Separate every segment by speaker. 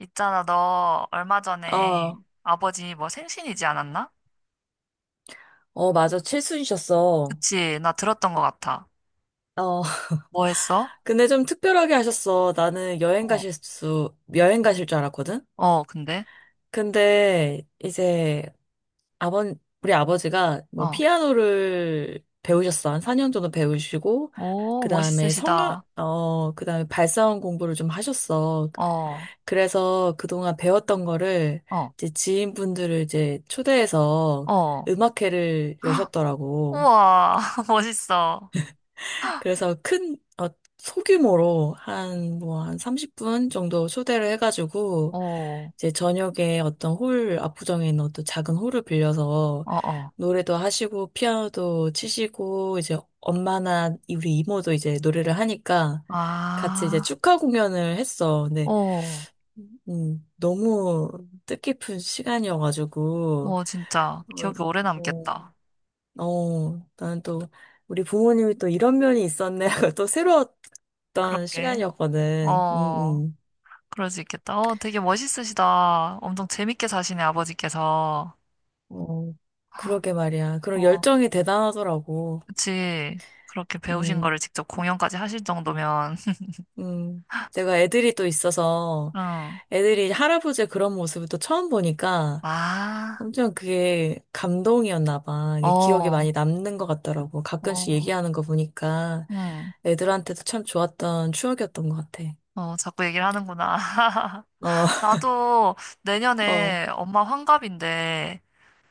Speaker 1: 있잖아, 너 얼마 전에
Speaker 2: 아,
Speaker 1: 아버지 뭐 생신이지 않았나?
Speaker 2: 어, 맞아. 칠순이셨어.
Speaker 1: 그치, 나 들었던 것 같아.
Speaker 2: 어,
Speaker 1: 뭐 했어?
Speaker 2: 근데 좀 특별하게 하셨어. 나는 여행
Speaker 1: 어,
Speaker 2: 가실 수, 여행 가실 줄 알았거든?
Speaker 1: 어, 근데?
Speaker 2: 근데 이제 아버, 우리 아버지가 뭐
Speaker 1: 어,
Speaker 2: 피아노를 배우셨어. 한 4년 정도 배우시고,
Speaker 1: 오,
Speaker 2: 그 다음에
Speaker 1: 멋있으시다.
Speaker 2: 성악, 어, 그 다음에 발사원 공부를 좀 하셨어.
Speaker 1: 어,
Speaker 2: 그래서 그동안 배웠던 거를
Speaker 1: 어,
Speaker 2: 이제 지인분들을 초대해서
Speaker 1: 어.
Speaker 2: 음악회를
Speaker 1: 헉,
Speaker 2: 여셨더라고.
Speaker 1: 우와, 멋있어.
Speaker 2: 그래서 소규모로 한, 뭐, 한 30분 정도 초대를
Speaker 1: 어,
Speaker 2: 해가지고,
Speaker 1: 어,
Speaker 2: 이제 저녁에 어떤 홀, 압구정에 있는 어떤 작은 홀을 빌려서
Speaker 1: 어.
Speaker 2: 노래도 하시고, 피아노도 치시고, 이제 엄마나 우리 이모도 이제 노래를 하니까 같이 이제
Speaker 1: 아,
Speaker 2: 축하 공연을 했어. 근데,
Speaker 1: 어,
Speaker 2: 너무 뜻깊은 시간이어가지고,
Speaker 1: 어, 진짜.
Speaker 2: 어,
Speaker 1: 기억이 오래
Speaker 2: 어,
Speaker 1: 남겠다.
Speaker 2: 어, 는또 우리 부모님이 또 이런 면이 있었네 하고 또 새로웠던
Speaker 1: 그렇게.
Speaker 2: 시간이었거든.
Speaker 1: 어, 그럴 수 있겠다. 어, 되게 멋있으시다. 엄청 재밌게 사시네, 아버지께서.
Speaker 2: 어, 그러게 말이야. 그런
Speaker 1: 어,
Speaker 2: 열정이 대단하더라고.
Speaker 1: 그치. 그렇게 배우신
Speaker 2: 음,
Speaker 1: 거를 직접 공연까지 하실 정도면,
Speaker 2: 음. 내가 애들이 또 있어서
Speaker 1: 응.
Speaker 2: 애들이 할아버지의 그런 모습을 또 처음 보니까
Speaker 1: 아,
Speaker 2: 엄청 그게 감동이었나 봐. 이게 기억에
Speaker 1: 어,
Speaker 2: 많이 남는 것 같더라고. 가끔씩
Speaker 1: 어,
Speaker 2: 얘기하는 거 보니까
Speaker 1: 응.
Speaker 2: 애들한테도 참 좋았던 추억이었던 것 같아.
Speaker 1: 어, 자꾸 얘기를 하는구나.
Speaker 2: 어,
Speaker 1: 나도
Speaker 2: 어.
Speaker 1: 내년에 엄마 환갑인데,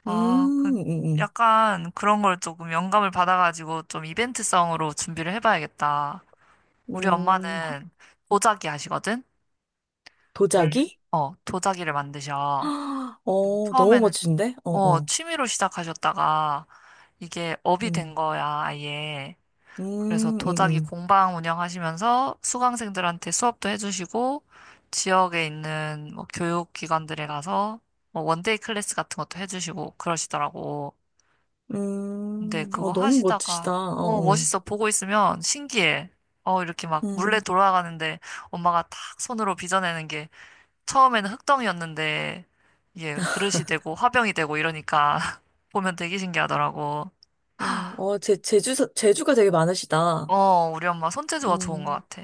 Speaker 1: 아, 그,
Speaker 2: 음.
Speaker 1: 약간 그런 걸 조금 영감을 받아가지고 좀 이벤트성으로 준비를 해봐야겠다. 우리
Speaker 2: 확-
Speaker 1: 엄마는 도자기 하시거든? 원래,
Speaker 2: 도자기?
Speaker 1: 어, 도자기를 만드셔.
Speaker 2: 아, 어, 너무
Speaker 1: 처음에는
Speaker 2: 멋진데? 어,
Speaker 1: 어,
Speaker 2: 어.
Speaker 1: 취미로 시작하셨다가 이게 업이 된
Speaker 2: 음,
Speaker 1: 거야, 아예. 그래서
Speaker 2: 음,
Speaker 1: 도자기
Speaker 2: 음,
Speaker 1: 공방 운영하시면서 수강생들한테 수업도 해주시고, 지역에 있는 뭐 교육기관들에 가서 뭐 원데이 클래스 같은 것도 해주시고 그러시더라고. 근데 그거
Speaker 2: 어, 너무 멋지시다.
Speaker 1: 하시다가
Speaker 2: 어,
Speaker 1: 어,
Speaker 2: 어.
Speaker 1: 멋있어. 보고 있으면 신기해. 어, 이렇게 막 물레
Speaker 2: 음,
Speaker 1: 돌아가는데 엄마가 탁 손으로 빚어내는 게, 처음에는 흙덩이였는데 이게 그릇이 되고 화병이 되고 이러니까 보면 되게 신기하더라고.
Speaker 2: 어, 어, 제주가 되게 많으시다.
Speaker 1: 어, 우리 엄마 손재주가 좋은 것
Speaker 2: 음,
Speaker 1: 같아.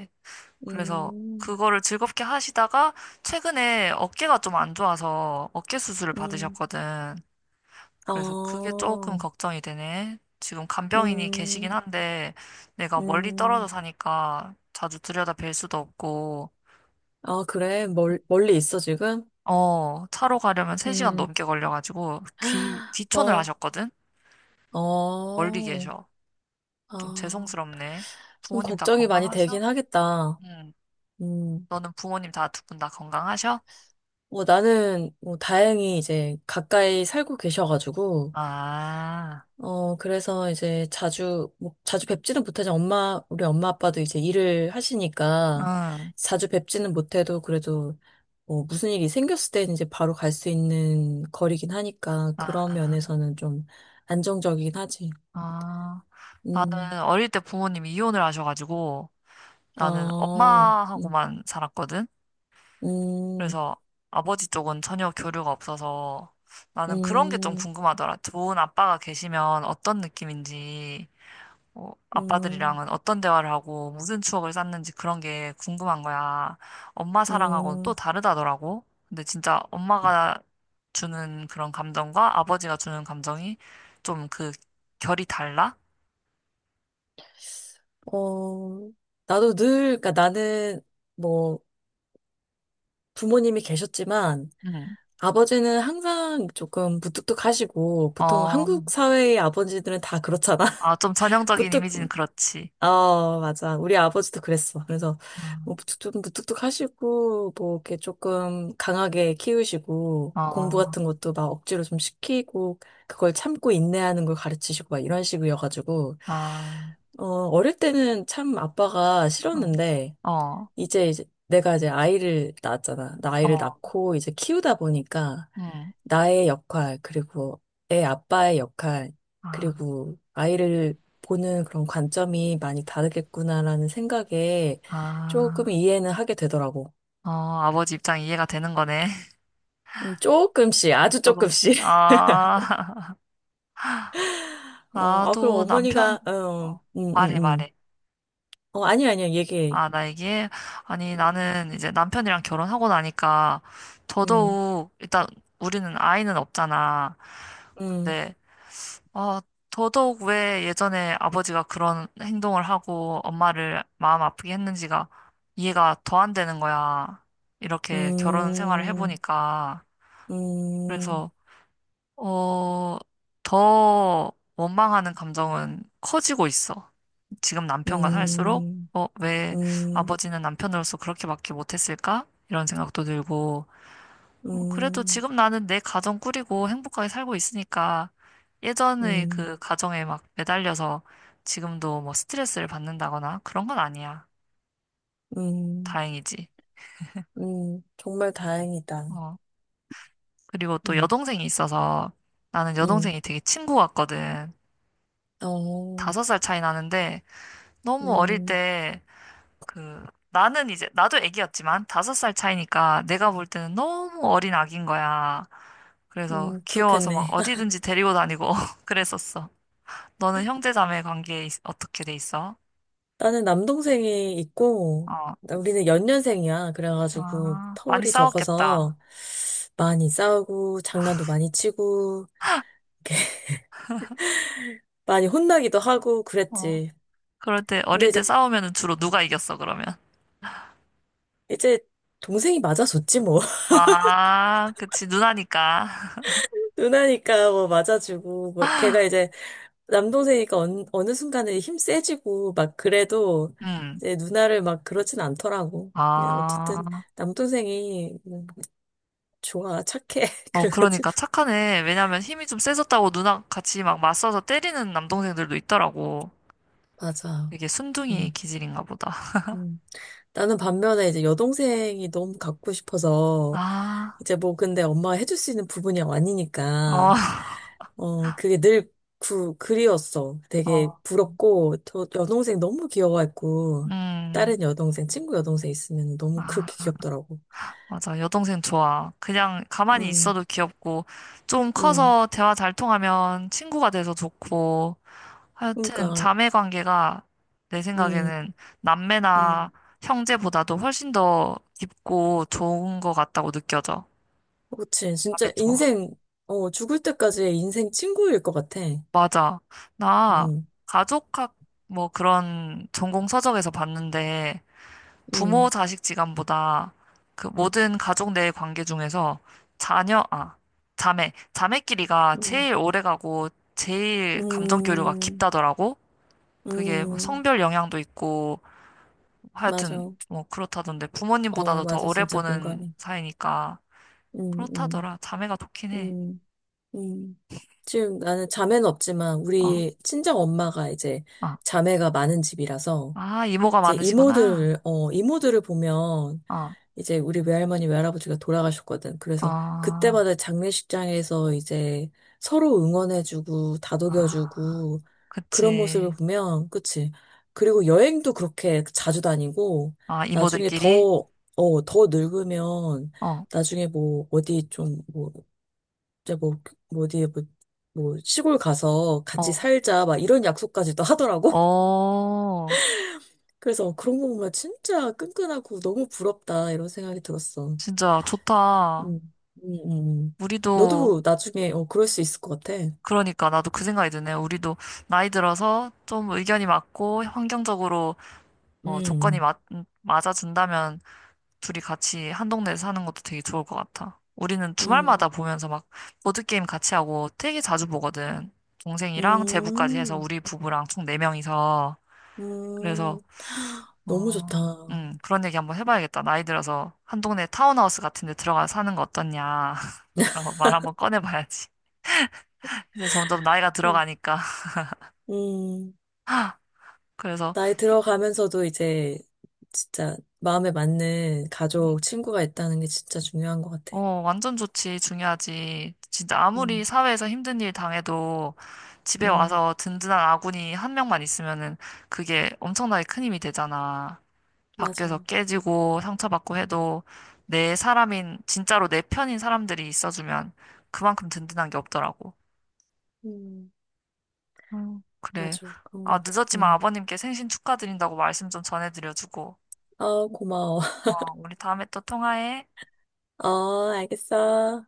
Speaker 1: 그래서
Speaker 2: 음,
Speaker 1: 그거를 즐겁게 하시다가 최근에 어깨가 좀 안 좋아서 어깨 수술을
Speaker 2: 음.
Speaker 1: 받으셨거든.
Speaker 2: 아,
Speaker 1: 그래서 그게 조금 걱정이 되네. 지금 간병인이 계시긴
Speaker 2: 음,
Speaker 1: 한데 내가 멀리 떨어져
Speaker 2: 음.
Speaker 1: 사니까 자주 들여다 뵐 수도 없고,
Speaker 2: 아, 그래. 멀리 있어, 지금?
Speaker 1: 어, 차로 가려면 3시간
Speaker 2: 음,
Speaker 1: 넘게 걸려가지고 귀, 귀촌을
Speaker 2: 어,
Speaker 1: 하셨거든? 멀리
Speaker 2: 어,
Speaker 1: 계셔. 좀
Speaker 2: 아,
Speaker 1: 죄송스럽네.
Speaker 2: 좀
Speaker 1: 부모님 다
Speaker 2: 걱정이 많이
Speaker 1: 건강하셔?
Speaker 2: 되긴 하겠다.
Speaker 1: 응.
Speaker 2: 음.
Speaker 1: 너는 부모님 다 두 분 다 건강하셔?
Speaker 2: 뭐 나는 뭐 다행히 이제 가까이 살고 계셔가지고
Speaker 1: 아,
Speaker 2: 어 그래서 이제 자주 뵙지는 못하지만 엄마 우리 엄마 아빠도 이제 일을 하시니까
Speaker 1: 응.
Speaker 2: 자주 뵙지는 못해도 그래도 뭐 무슨 일이 생겼을 때 이제 바로 갈 수 있는 거리긴 하니까
Speaker 1: 아,
Speaker 2: 그런 면에서는 좀 안정적이긴 하지.
Speaker 1: 아.
Speaker 2: 음.
Speaker 1: 나는 어릴 때 부모님이 이혼을 하셔가지고 나는
Speaker 2: 어. 음.
Speaker 1: 엄마하고만 살았거든?
Speaker 2: 음.
Speaker 1: 그래서 아버지 쪽은 전혀 교류가 없어서 나는 그런 게 좀
Speaker 2: 음.
Speaker 1: 궁금하더라. 좋은 아빠가 계시면 어떤 느낌인지. 어,
Speaker 2: 음.
Speaker 1: 아빠들이랑은 어떤 대화를 하고 무슨 추억을 쌓는지 그런 게 궁금한 거야. 엄마 사랑하고는 또
Speaker 2: 음.
Speaker 1: 다르다더라고. 근데 진짜 엄마가 주는 그런 감정과 아버지가 주는 감정이 좀 그, 결이 달라?
Speaker 2: 어, 나도 늘, 그러니까 나는 뭐 부모님이 계셨지만
Speaker 1: 응.
Speaker 2: 아버지는 항상 조금 무뚝뚝하시고 보통
Speaker 1: 어,
Speaker 2: 한국 사회의 아버지들은 다 그렇잖아.
Speaker 1: 아, 좀 전형적인
Speaker 2: 무뚝,
Speaker 1: 이미지는 그렇지.
Speaker 2: 어, 맞아. 우리 아버지도 그랬어. 그래서 뭐 뚝뚝 무뚝뚝 하시고 뭐 이렇게 조금 강하게 키우시고
Speaker 1: 어,
Speaker 2: 공부
Speaker 1: 어,
Speaker 2: 같은 것도 막 억지로 좀 시키고 그걸 참고 인내하는 걸 가르치시고 막 이런 식이어가지고
Speaker 1: 아,
Speaker 2: 어, 어릴 때는 참 아빠가
Speaker 1: 응.
Speaker 2: 싫었는데
Speaker 1: 어,
Speaker 2: 내가 이제 아이를 낳았잖아. 나 아이를
Speaker 1: 어,
Speaker 2: 낳고 이제 키우다 보니까
Speaker 1: 응.
Speaker 2: 나의 역할, 그리고 애 아빠의 역할,
Speaker 1: 아,
Speaker 2: 그리고 아이를 보는 그런 관점이 많이 다르겠구나라는 생각에 조금
Speaker 1: 아,
Speaker 2: 이해는 하게 되더라고.
Speaker 1: 어, 아버지 입장 이해가 되는 거네.
Speaker 2: 조금씩, 아주
Speaker 1: 조금씩.
Speaker 2: 조금씩.
Speaker 1: 아.
Speaker 2: 어, 아, 그럼
Speaker 1: 나도 남편,
Speaker 2: 어머니가, 어,
Speaker 1: 어, 말해, 말해.
Speaker 2: 어, 아니야, 아니야, 얘기해.
Speaker 1: 아, 나 얘기해? 아니, 나는 이제 남편이랑 결혼하고 나니까
Speaker 2: 음,
Speaker 1: 더더욱, 일단 우리는 아이는 없잖아.
Speaker 2: 음,
Speaker 1: 근데, 어, 더더욱 왜 예전에 아버지가 그런 행동을 하고 엄마를 마음 아프게 했는지가 이해가 더 안 되는 거야. 이렇게 결혼 생활을
Speaker 2: 음,
Speaker 1: 해보니까.
Speaker 2: 음,
Speaker 1: 그래서, 어, 더 원망하는 감정은 커지고 있어. 지금 남편과 살수록,
Speaker 2: 음,
Speaker 1: 어, 왜
Speaker 2: 음,
Speaker 1: 아버지는 남편으로서 그렇게밖에 못했을까? 이런 생각도 들고, 뭐, 그래도
Speaker 2: 음.
Speaker 1: 지금 나는 내 가정 꾸리고 행복하게 살고 있으니까, 예전의
Speaker 2: 음,
Speaker 1: 그 가정에 막 매달려서 지금도 뭐 스트레스를 받는다거나 그런 건 아니야.
Speaker 2: 음,
Speaker 1: 다행이지.
Speaker 2: 정말 다행이다.
Speaker 1: 어, 그리고 또
Speaker 2: 음,
Speaker 1: 여동생이 있어서, 나는 여동생이
Speaker 2: 음,
Speaker 1: 되게 친구 같거든.
Speaker 2: 어,
Speaker 1: 5살 차이 나는데, 너무 어릴
Speaker 2: 음,
Speaker 1: 때, 그, 나는 이제 나도 애기였지만 5살 차이니까 내가 볼 때는 너무 어린 아기인 거야. 그래서 귀여워서
Speaker 2: 그렇겠네.
Speaker 1: 막 어디든지 데리고 다니고 그랬었어. 너는 형제 자매 관계 있- 어떻게 돼 있어?
Speaker 2: 나는 남동생이 있고,
Speaker 1: 어,
Speaker 2: 우리는 연년생이야. 그래가지고
Speaker 1: 아, 많이
Speaker 2: 터울이
Speaker 1: 싸웠겠다.
Speaker 2: 적어서 많이 싸우고, 장난도 많이 치고, 많이 혼나기도 하고
Speaker 1: 어,
Speaker 2: 그랬지.
Speaker 1: 그럴 때
Speaker 2: 근데
Speaker 1: 어릴
Speaker 2: 이제,
Speaker 1: 때 싸우면은 주로 누가 이겼어 그러면?
Speaker 2: 이제 동생이 맞아줬지 뭐.
Speaker 1: 아, 그치 누나니까.
Speaker 2: 누나니까 뭐 맞아주고, 뭐 걔가 이제 남동생이니까 어느 순간에 힘 세지고 막 그래도
Speaker 1: 음,
Speaker 2: 이제 누나를 막 그렇진 않더라고. 네, 어쨌든
Speaker 1: 아,
Speaker 2: 남동생이 좋아, 착해.
Speaker 1: 어,
Speaker 2: 그래가지고
Speaker 1: 그러니까 착하네. 왜냐면 힘이 좀 세졌다고 누나 같이 막 맞서서 때리는 남동생들도 있더라고.
Speaker 2: 맞아.
Speaker 1: 되게 순둥이
Speaker 2: 음,
Speaker 1: 기질인가 보다.
Speaker 2: 음. 나는 반면에 이제 여동생이 너무 갖고 싶어서
Speaker 1: 아,
Speaker 2: 이제 뭐 근데 엄마가 해줄 수 있는 부분이
Speaker 1: 어,
Speaker 2: 아니니까 어 그게 늘 그리웠어. 되게
Speaker 1: 어,
Speaker 2: 부럽고 또 여동생 너무 귀여워했고
Speaker 1: 음,
Speaker 2: 다른 여동생 친구 여동생 있으면 너무 그렇게
Speaker 1: 아,
Speaker 2: 귀엽더라고.
Speaker 1: 맞아. 여동생 좋아. 그냥 가만히
Speaker 2: 음.
Speaker 1: 있어도 귀엽고, 좀
Speaker 2: 음,
Speaker 1: 커서 대화 잘 통하면 친구가 돼서 좋고, 하여튼
Speaker 2: 그러니까,
Speaker 1: 자매 관계가 내
Speaker 2: 음,
Speaker 1: 생각에는 남매나
Speaker 2: 음,
Speaker 1: 형제보다도 훨씬 더 깊고 좋은 것 같다고 느껴져.
Speaker 2: 그렇지. 진짜
Speaker 1: 자매 좋아.
Speaker 2: 인생, 어, 죽을 때까지의 인생 친구일 것 같아.
Speaker 1: 맞아. 나
Speaker 2: 음,
Speaker 1: 가족학 뭐 그런 전공 서적에서 봤는데, 부모
Speaker 2: 음,
Speaker 1: 자식 지간보다 그 모든 가족 내 관계 중에서 자녀, 아, 자매, 자매끼리가
Speaker 2: 음,
Speaker 1: 제일 오래가고 제일 감정 교류가
Speaker 2: 음,
Speaker 1: 깊다더라고. 그게 뭐
Speaker 2: 음,
Speaker 1: 성별 영향도 있고 하여튼
Speaker 2: 맞아.
Speaker 1: 뭐 그렇다던데
Speaker 2: 어,
Speaker 1: 부모님보다도 더
Speaker 2: 맞아.
Speaker 1: 오래
Speaker 2: 진짜
Speaker 1: 보는
Speaker 2: 공감해.
Speaker 1: 사이니까
Speaker 2: 음, 음,
Speaker 1: 그렇다더라. 자매가 좋긴 해.
Speaker 2: 음, 음. 지금 나는 자매는 없지만,
Speaker 1: 어,
Speaker 2: 우리 친정 엄마가 이제
Speaker 1: 어.
Speaker 2: 자매가 많은 집이라서,
Speaker 1: 아, 이모가
Speaker 2: 이제
Speaker 1: 많으시구나.
Speaker 2: 이모들, 어, 이모들을 보면,
Speaker 1: 어,
Speaker 2: 이제 우리 외할머니, 외할아버지가 돌아가셨거든. 그래서
Speaker 1: 어,
Speaker 2: 그때마다 장례식장에서 이제 서로 응원해주고
Speaker 1: 아,
Speaker 2: 다독여주고 그런 모습을
Speaker 1: 그치.
Speaker 2: 보면, 그치? 그리고 여행도 그렇게 자주 다니고
Speaker 1: 아,
Speaker 2: 나중에
Speaker 1: 이모들끼리?
Speaker 2: 더, 어, 더 늙으면
Speaker 1: 어,
Speaker 2: 나중에 뭐 어디 좀 뭐, 이제 뭐, 뭐 어디 뭐, 뭐 시골 가서 같이
Speaker 1: 어,
Speaker 2: 살자 막 이런 약속까지도 하더라고.
Speaker 1: 어.
Speaker 2: 그래서 그런 거 보면 진짜 끈끈하고 너무 부럽다 이런 생각이 들었어.
Speaker 1: 진짜 좋다.
Speaker 2: 음, 음, 음.
Speaker 1: 우리도,
Speaker 2: 너도 나중에 어, 그럴 수 있을 것 같아.
Speaker 1: 그러니까 나도 그 생각이 드네. 우리도 나이 들어서 좀 의견이 맞고 환경적으로 어, 조건이
Speaker 2: 음,
Speaker 1: 맞아준다면 둘이 같이 한 동네에 사는 것도 되게 좋을 것 같아. 우리는
Speaker 2: 음,
Speaker 1: 주말마다 보면서 막 보드게임 같이 하고 되게 자주 보거든. 동생이랑 제부까지 해서
Speaker 2: 음,
Speaker 1: 우리 부부랑 총 네명이서 그래서,
Speaker 2: 하, 너무 좋다.
Speaker 1: 어,
Speaker 2: 어,
Speaker 1: 그런 얘기 한번 해봐야겠다. 나이 들어서 한 동네 타운하우스 같은 데 들어가서 사는 거 어떻냐. 그런 거 말 한번 꺼내봐야지. 이제 점점 나이가 들어가니까.
Speaker 2: 음,
Speaker 1: 그래서,
Speaker 2: 나이
Speaker 1: 혀-
Speaker 2: 들어가면서도 이제 진짜 마음에 맞는
Speaker 1: 음,
Speaker 2: 가족, 친구가 있다는 게 진짜 중요한 것 같아.
Speaker 1: 어, 완전 좋지. 중요하지. 진짜 아무리
Speaker 2: 음,
Speaker 1: 사회에서 힘든 일 당해도 집에
Speaker 2: 음,
Speaker 1: 와서 든든한 아군이 한 명만 있으면은 그게 엄청나게 큰 힘이 되잖아. 밖에서
Speaker 2: 맞아.
Speaker 1: 깨지고 상처받고 해도 내 사람인, 진짜로 내 편인 사람들이 있어주면 그만큼 든든한 게 없더라고.
Speaker 2: 음,
Speaker 1: 그래.
Speaker 2: 맞아. 그런
Speaker 1: 아,
Speaker 2: 것 같아.
Speaker 1: 늦었지만
Speaker 2: 음.
Speaker 1: 아버님께 생신 축하드린다고 말씀 좀 전해드려주고.
Speaker 2: 어, 고마워.
Speaker 1: 어, 우리 다음에 또 통화해.
Speaker 2: 어, 알겠어.